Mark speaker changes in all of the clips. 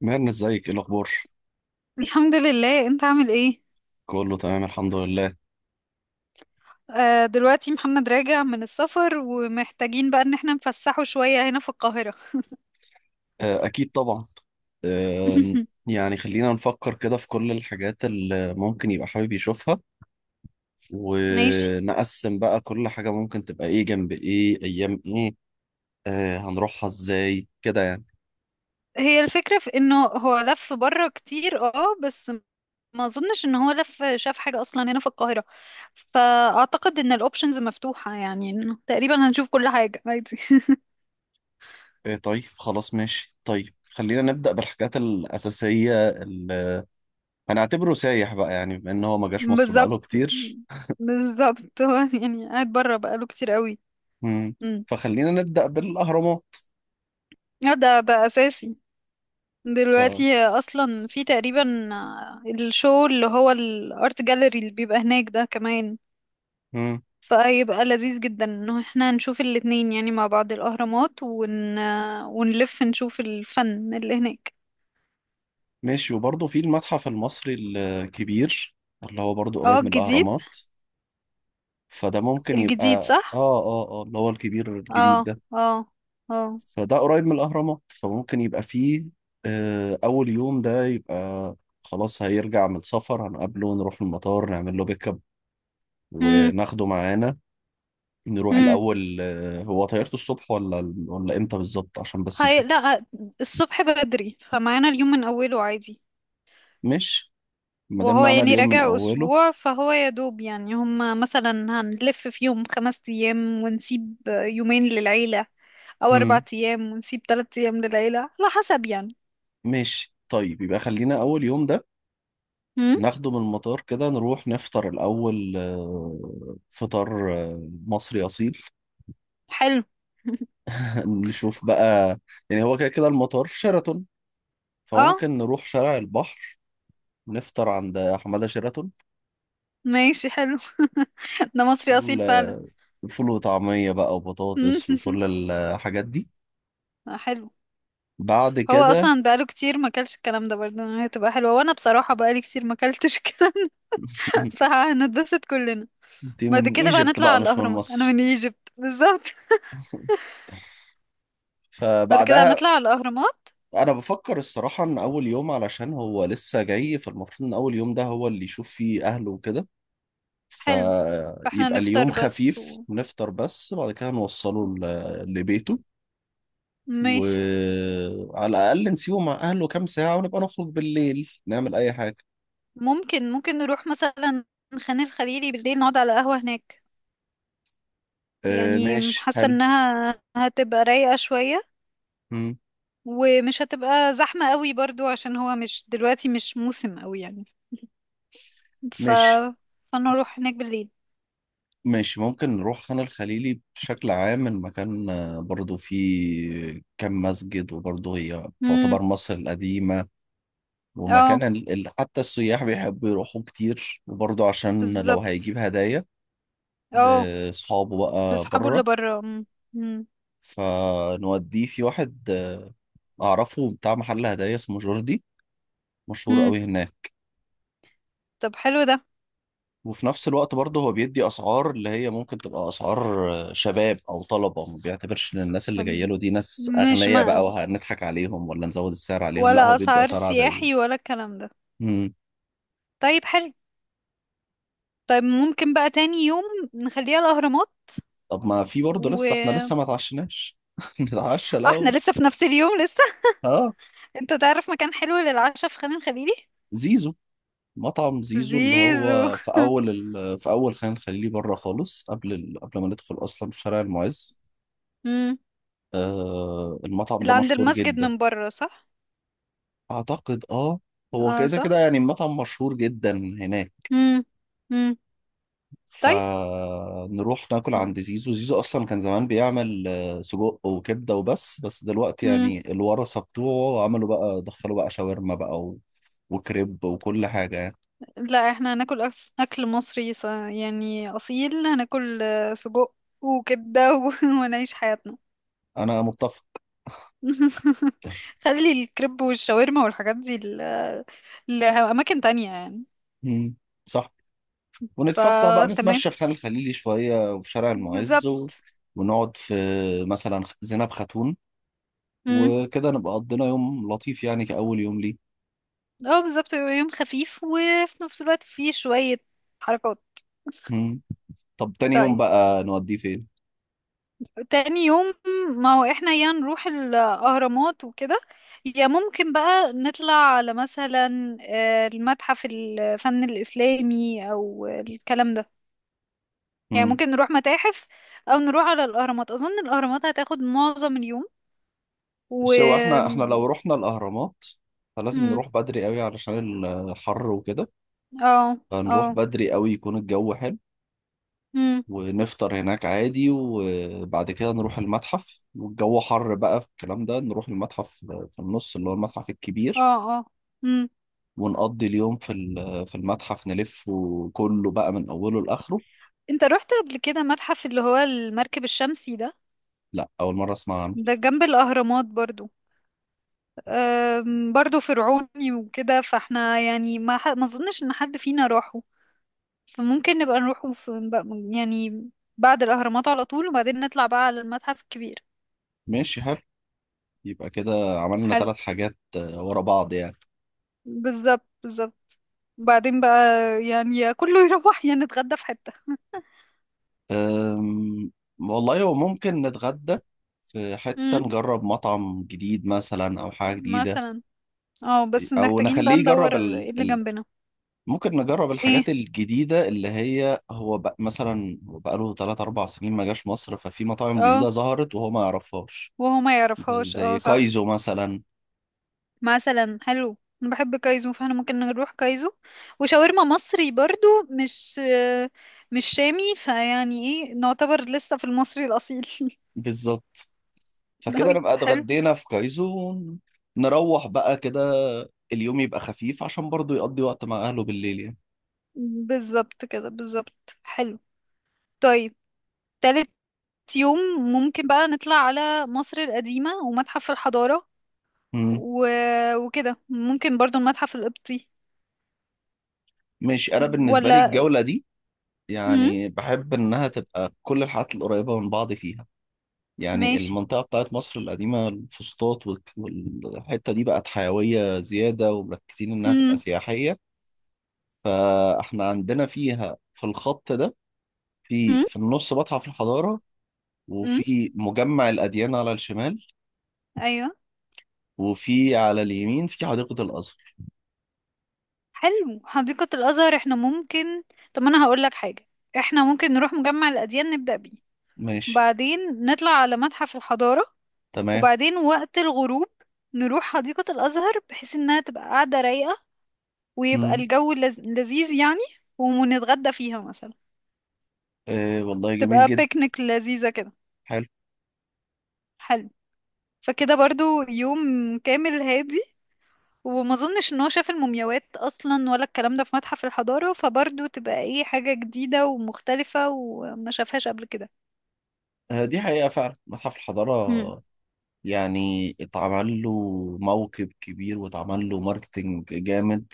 Speaker 1: مهنا ازيك ايه الاخبار؟
Speaker 2: الحمد لله، انت عامل ايه؟
Speaker 1: كله تمام الحمد لله.
Speaker 2: آه، دلوقتي محمد راجع من السفر ومحتاجين بقى ان احنا نفسحه شوية هنا في القاهرة.
Speaker 1: اكيد طبعا. آه، يعني خلينا نفكر كده في كل الحاجات اللي ممكن يبقى حابب يشوفها،
Speaker 2: ماشي.
Speaker 1: ونقسم بقى كل حاجة ممكن تبقى ايه جنب ايه ايام ايه. هنروحها ازاي كده يعني؟
Speaker 2: هي الفكرة في انه هو لف بره كتير اه بس ما اظنش ان هو لف شاف حاجة اصلا هنا في القاهرة. فاعتقد ان الاوبشنز مفتوحة، يعني انه تقريبا هنشوف كل حاجة عادي.
Speaker 1: طيب خلاص ماشي. طيب خلينا نبدأ بالحاجات الأساسية اللي هنعتبره سايح بقى، يعني بما ان هو ما جاش مصر
Speaker 2: بالظبط.
Speaker 1: بقاله كتير.
Speaker 2: بالظبط هو يعني قاعد بره بقاله كتير قوي.
Speaker 1: مم.
Speaker 2: مم.
Speaker 1: فخلينا نبدأ بالأهرامات.
Speaker 2: اه ده اساسي.
Speaker 1: ف
Speaker 2: دلوقتي اصلا في تقريبا الشو اللي هو الارت جاليري اللي بيبقى هناك ده كمان.
Speaker 1: مم.
Speaker 2: فيبقى لذيذ جدا انه احنا نشوف الاتنين، يعني مع بعض الاهرامات ونلف نشوف الفن اللي هناك.
Speaker 1: ماشي، وبرضه في المتحف المصري الكبير، اللي هو برضه
Speaker 2: اه
Speaker 1: قريب من
Speaker 2: الجديد.
Speaker 1: الأهرامات، فده ممكن يبقى
Speaker 2: الجديد
Speaker 1: اه
Speaker 2: صح.
Speaker 1: اه اه اللي هو الكبير
Speaker 2: اه.
Speaker 1: الجديد ده.
Speaker 2: اه. اه.
Speaker 1: فده قريب من الأهرامات فممكن يبقى فيه آه أول يوم ده يبقى خلاص. هيرجع من السفر هنقابله، نروح المطار نعمل له بيك اب
Speaker 2: امم
Speaker 1: وناخده معانا، نروح
Speaker 2: امم
Speaker 1: الأول. آه، هو طيارته الصبح ولا إمتى بالظبط عشان بس
Speaker 2: هاي
Speaker 1: نشوف.
Speaker 2: لا. الصبح بدري فمعانا اليوم من اوله عادي.
Speaker 1: ماشي، ما دام
Speaker 2: وهو
Speaker 1: معانا
Speaker 2: يعني
Speaker 1: اليوم من
Speaker 2: راجع
Speaker 1: أوله.
Speaker 2: أسبوع فهو يا دوب يعني هم مثلا هنلف في يوم 5 أيام ونسيب يومين للعيلة، أو أربع
Speaker 1: مم.
Speaker 2: أيام ونسيب 3 أيام للعيلة على حسب يعني.
Speaker 1: ماشي طيب، يبقى خلينا أول يوم ده
Speaker 2: هم؟
Speaker 1: ناخده من المطار كده، نروح نفطر الأول. فطار مصري أصيل.
Speaker 2: حلو.
Speaker 1: نشوف بقى، يعني هو كده كده المطار في شيراتون،
Speaker 2: اه
Speaker 1: فممكن نروح شارع البحر نفطر عند حمادة شيراتون.
Speaker 2: ماشي حلو. ده مصري
Speaker 1: فول،
Speaker 2: أصيل فعلا.
Speaker 1: فول وطعمية بقى وبطاطس
Speaker 2: مم.
Speaker 1: وكل الحاجات دي.
Speaker 2: حلو.
Speaker 1: بعد
Speaker 2: هو
Speaker 1: كده
Speaker 2: أصلا بقاله كتير ما كلش الكلام ده، برضه هتبقى حلوة وأنا بصراحة بقالي كتير ما كلتش الكلام ده فهنتبسط كلنا.
Speaker 1: دي
Speaker 2: بعد
Speaker 1: من
Speaker 2: كده بقى
Speaker 1: ايجيبت
Speaker 2: نطلع
Speaker 1: بقى
Speaker 2: على
Speaker 1: مش من
Speaker 2: الأهرامات. أنا
Speaker 1: مصر.
Speaker 2: من ايجيبت بالظبط. بعد كده
Speaker 1: فبعدها،
Speaker 2: هنطلع على الأهرامات.
Speaker 1: انا بفكر الصراحة ان اول يوم علشان هو لسه جاي، فالمفروض ان اول يوم ده هو اللي يشوف فيه اهله وكده.
Speaker 2: حلو. فاحنا
Speaker 1: فيبقى اليوم
Speaker 2: نفطر بس
Speaker 1: خفيف، نفطر بس بعد كده لبيته،
Speaker 2: ماشي.
Speaker 1: وعلى الأقل نسيبه مع أهله كام ساعة، ونبقى نخرج بالليل نعمل أي حاجة.
Speaker 2: ممكن نروح مثلا خان الخليلي بالليل نقعد على قهوة هناك.
Speaker 1: آه
Speaker 2: يعني
Speaker 1: ماشي
Speaker 2: حاسة
Speaker 1: حلو.
Speaker 2: انها هتبقى رايقة شوية
Speaker 1: مم.
Speaker 2: ومش هتبقى زحمة قوي برضو عشان هو مش دلوقتي مش موسم قوي يعني. ف
Speaker 1: ماشي.
Speaker 2: فنروح هناك بالليل.
Speaker 1: ماشي، ممكن نروح خان الخليلي. بشكل عام المكان برضو فيه كم مسجد، وبرضو هي
Speaker 2: امم
Speaker 1: تعتبر مصر القديمة ومكان
Speaker 2: اه
Speaker 1: حتى السياح بيحبوا يروحوا كتير، وبرضو عشان لو
Speaker 2: بالظبط.
Speaker 1: هيجيب هدايا
Speaker 2: اه
Speaker 1: لأصحابه بقى
Speaker 2: لاصحابه اللي
Speaker 1: بره.
Speaker 2: بره. امم
Speaker 1: فنوديه في واحد اعرفه، بتاع محل هدايا اسمه جوردي، مشهور
Speaker 2: امم
Speaker 1: قوي هناك.
Speaker 2: طب حلو ده.
Speaker 1: وفي نفس الوقت برضه هو بيدي اسعار اللي هي ممكن تبقى اسعار شباب او طلبه، ما بيعتبرش ان الناس اللي جايه
Speaker 2: مم.
Speaker 1: له دي ناس
Speaker 2: مش
Speaker 1: اغنياء بقى
Speaker 2: ما
Speaker 1: وهنضحك عليهم ولا نزود السعر عليهم، لا هو
Speaker 2: ولا
Speaker 1: بيدي
Speaker 2: اسعار
Speaker 1: اسعار
Speaker 2: سياحي
Speaker 1: عاديه.
Speaker 2: ولا الكلام ده.
Speaker 1: امم.
Speaker 2: طيب حلو. طيب ممكن بقى تاني يوم نخليها الأهرامات.
Speaker 1: طب ما في برضه،
Speaker 2: و
Speaker 1: لسه احنا
Speaker 2: اه
Speaker 1: لسه ما اتعشناش. نتعشى
Speaker 2: احنا
Speaker 1: الاول.
Speaker 2: لسه في نفس اليوم لسه.
Speaker 1: اه.
Speaker 2: انت تعرف مكان حلو للعشاء في خان الخليلي؟
Speaker 1: زيزو، مطعم زيزو اللي
Speaker 2: زيزو.
Speaker 1: هو في في اول خان الخليلي بره خالص، قبل ما ندخل اصلا في شارع المعز.
Speaker 2: مم.
Speaker 1: آه المطعم
Speaker 2: اللي
Speaker 1: ده
Speaker 2: عند
Speaker 1: مشهور
Speaker 2: المسجد
Speaker 1: جدا،
Speaker 2: من بره صح.
Speaker 1: اعتقد اه. هو
Speaker 2: اه
Speaker 1: كده
Speaker 2: صح.
Speaker 1: كده يعني المطعم مشهور جدا هناك.
Speaker 2: مم. مم. طيب.
Speaker 1: فنروح ناكل عند زيزو. زيزو اصلا كان زمان بيعمل سجق وكبده وبس، دلوقتي
Speaker 2: مم.
Speaker 1: يعني الورثه بتوعه عملوا بقى، دخلوا بقى شاورما بقى و... وكريب وكل حاجه يعني.
Speaker 2: لا احنا هناكل اكل مصري يعني اصيل. هناكل سجق وكبده ونعيش حياتنا.
Speaker 1: انا متفق.
Speaker 2: خلي الكريب والشاورما والحاجات دي لأماكن تانية يعني.
Speaker 1: مم، صح. ونتفسح بقى،
Speaker 2: فتمام
Speaker 1: نتمشى في خان الخليلي شويه وفي شارع
Speaker 2: بالظبط.
Speaker 1: المعز و... ونقعد في مثلا زينب خاتون
Speaker 2: امم
Speaker 1: وكده، نبقى قضينا يوم لطيف يعني كأول يوم ليه.
Speaker 2: اه بالظبط. يبقى يوم خفيف وفي نفس الوقت فيه شوية حركات.
Speaker 1: مم. طب تاني يوم
Speaker 2: طيب
Speaker 1: بقى نوديه فين؟
Speaker 2: تاني يوم، ما هو احنا يا نروح الأهرامات وكده، يا ممكن بقى نطلع على مثلا المتحف الفن الإسلامي أو الكلام ده. يعني
Speaker 1: مم.
Speaker 2: ممكن نروح متاحف أو نروح على الأهرامات. أظن الأهرامات هتاخد معظم اليوم. و
Speaker 1: بس هو احنا لو رحنا الأهرامات فلازم
Speaker 2: مم.
Speaker 1: نروح بدري قوي علشان الحر وكده.
Speaker 2: اه
Speaker 1: فنروح
Speaker 2: اه.
Speaker 1: بدري قوي يكون الجو حلو،
Speaker 2: مم.
Speaker 1: ونفطر هناك عادي، وبعد كده نروح المتحف، والجو حر بقى في الكلام ده نروح المتحف في النص اللي هو المتحف الكبير.
Speaker 2: اه اه. مم.
Speaker 1: ونقضي اليوم في في المتحف، نلفه كله بقى من أوله لآخره.
Speaker 2: انت رحت قبل كده متحف اللي هو المركب الشمسي ده؟
Speaker 1: لا، أول مرة أسمع عنه.
Speaker 2: ده جنب الأهرامات برضو. برضو فرعوني وكده، فاحنا يعني ما اظنش ان حد فينا راحه. فممكن نبقى نروحه يعني بعد الأهرامات على طول وبعدين نطلع بقى على المتحف الكبير.
Speaker 1: ماشي حلو. يبقى كده عملنا
Speaker 2: حلو.
Speaker 1: ثلاث حاجات ورا بعض يعني.
Speaker 2: بالظبط بالظبط. وبعدين بقى يعني يا كله يروح يا نتغدى في حتة.
Speaker 1: أم، والله هو ممكن نتغدى في حتة،
Speaker 2: امم
Speaker 1: نجرب مطعم جديد مثلا أو حاجة جديدة.
Speaker 2: مثلا. اه بس
Speaker 1: أو
Speaker 2: محتاجين
Speaker 1: نخليه
Speaker 2: بقى
Speaker 1: يجرب
Speaker 2: ندور ايه اللي جنبنا.
Speaker 1: ممكن نجرب
Speaker 2: ايه.
Speaker 1: الحاجات الجديدة اللي هي هو مثلا بقاله 3 4 سنين ما جاش مصر، ففي مطاعم جديدة
Speaker 2: اه
Speaker 1: ظهرت وهو ما يعرفهاش.
Speaker 2: وهو ما
Speaker 1: زي
Speaker 2: يعرفهاش، اه
Speaker 1: زي
Speaker 2: صح.
Speaker 1: كايزو مثلا.
Speaker 2: مثلا حلو. انا بحب كايزو فاحنا ممكن نروح كايزو. وشاورما مصري برضو مش شامي. فيعني ايه، نعتبر لسه في المصري الاصيل.
Speaker 1: بالظبط. فكده
Speaker 2: طيب
Speaker 1: نبقى
Speaker 2: حلو.
Speaker 1: اتغدينا في كايزون. نروح بقى كده، اليوم يبقى خفيف عشان برضو يقضي وقت مع أهله بالليل يعني.
Speaker 2: بالظبط كده بالظبط حلو. طيب تالت يوم ممكن بقى نطلع على مصر القديمة ومتحف الحضارة
Speaker 1: مم.
Speaker 2: و... وكده ممكن برضو المتحف القبطي.
Speaker 1: ماشي. أنا بالنسبة لي
Speaker 2: ولا.
Speaker 1: الجولة دي
Speaker 2: امم
Speaker 1: يعني بحب إنها تبقى كل الحاجات القريبة من بعض فيها. يعني
Speaker 2: ماشي.
Speaker 1: المنطقة بتاعت مصر القديمة، الفسطاط والحتة دي بقت حيوية زيادة ومركزين إنها تبقى
Speaker 2: امم
Speaker 1: سياحية. فإحنا عندنا فيها في الخط ده، في
Speaker 2: امم
Speaker 1: في النص متحف الحضارة،
Speaker 2: امم
Speaker 1: وفي مجمع الأديان على الشمال،
Speaker 2: ايوه.
Speaker 1: وفي على اليمين في حديقة الأزهر.
Speaker 2: حلو حديقة الأزهر. احنا ممكن. طب أنا هقول لك حاجة. احنا ممكن نروح مجمع الأديان نبدأ بيه،
Speaker 1: ماشي.
Speaker 2: وبعدين نطلع على متحف الحضارة،
Speaker 1: تمام.
Speaker 2: وبعدين وقت الغروب نروح حديقة الأزهر بحيث إنها تبقى قاعدة رايقة ويبقى
Speaker 1: مم.
Speaker 2: الجو لذيذ يعني. ونتغدى فيها مثلا.
Speaker 1: آه والله جميل
Speaker 2: تبقى
Speaker 1: جدا.
Speaker 2: بيكنيك لذيذة كده.
Speaker 1: حلو.
Speaker 2: حلو. فكده برضو يوم كامل هادي. وما اظنش ان هو شاف المومياوات اصلا ولا الكلام ده في متحف الحضارة فبرضه تبقى ايه حاجة جديدة ومختلفة وما شافهاش قبل كده.
Speaker 1: آه دي حقيقة فعلا، متحف
Speaker 2: مم.
Speaker 1: الحضارة يعني اتعمل له موكب كبير واتعمل له ماركتينج جامد.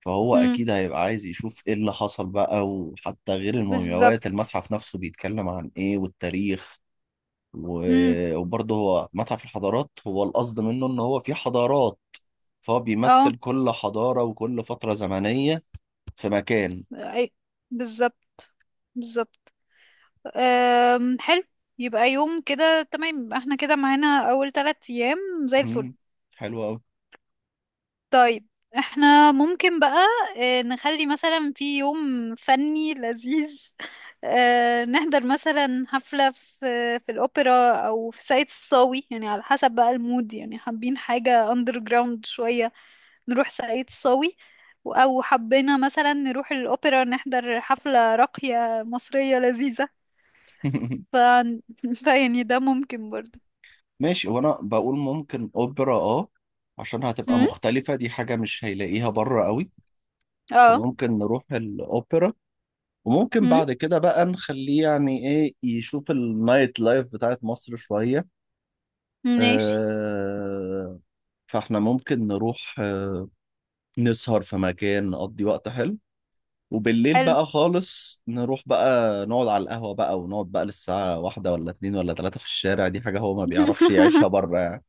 Speaker 1: فهو
Speaker 2: مم.
Speaker 1: أكيد هيبقى عايز يشوف إيه اللي حصل بقى، وحتى غير المومياوات،
Speaker 2: بالظبط.
Speaker 1: المتحف نفسه بيتكلم عن إيه والتاريخ.
Speaker 2: امم
Speaker 1: وبرضه هو متحف الحضارات، هو القصد منه إن هو فيه حضارات، فهو
Speaker 2: اه.
Speaker 1: بيمثل كل حضارة وكل فترة زمنية في مكان.
Speaker 2: أي- بالظبط بالظبط. حلو. يبقى يوم كده تمام. يبقى احنا كده معانا اول 3 ايام زي الفل.
Speaker 1: مم. حلو قوي.
Speaker 2: طيب احنا ممكن بقى نخلي مثلا في يوم فني لذيذ. نحضر مثلا حفلة في الأوبرا أو في ساقية الصاوي. يعني على حسب بقى المود، يعني حابين حاجة أندر جراوند شوية نروح ساقية الصاوي، أو حبينا مثلا نروح الأوبرا نحضر حفلة راقية مصرية لذيذة. ف... فيعني ده ممكن برضه.
Speaker 1: ماشي. وانا بقول ممكن اوبرا اه، عشان هتبقى
Speaker 2: مم؟
Speaker 1: مختلفة، دي حاجة مش هيلاقيها بره قوي.
Speaker 2: اه.
Speaker 1: فممكن نروح الاوبرا، وممكن
Speaker 2: مم؟
Speaker 1: بعد كده بقى نخليه يعني ايه، يشوف النايت لايف بتاعت مصر شوية.
Speaker 2: ماشي
Speaker 1: آه. فاحنا ممكن نروح نسهر في مكان نقضي وقت حلو، وبالليل
Speaker 2: حلو.
Speaker 1: بقى خالص نروح بقى نقعد على القهوة بقى، ونقعد بقى للساعة واحدة ولا اتنين ولا تلاتة في الشارع. دي حاجة هو ما بيعرفش يعيشها بره يعني.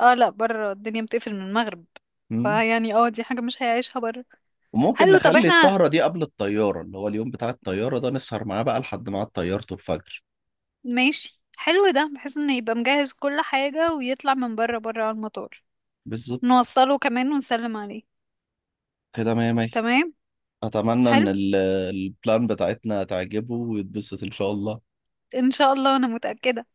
Speaker 2: اه لا، بره الدنيا بتقفل من المغرب.
Speaker 1: مم.
Speaker 2: فيعني دي حاجة مش هيعيشها بره.
Speaker 1: وممكن
Speaker 2: حلو. طب
Speaker 1: نخلي
Speaker 2: احنا
Speaker 1: السهرة دي قبل الطيارة، اللي هو اليوم بتاع الطيارة ده نسهر معاه بقى لحد ما عاد طيارته الفجر.
Speaker 2: ماشي حلو ده بحيث انه يبقى مجهز كل حاجة ويطلع من بره بره على المطار.
Speaker 1: بالظبط.
Speaker 2: نوصله كمان ونسلم عليه.
Speaker 1: كده مية مية.
Speaker 2: تمام.
Speaker 1: أتمنى إن
Speaker 2: حلو.
Speaker 1: البلان بتاعتنا تعجبه ويتبسط إن شاء الله.
Speaker 2: ان شاء الله. انا متأكدة.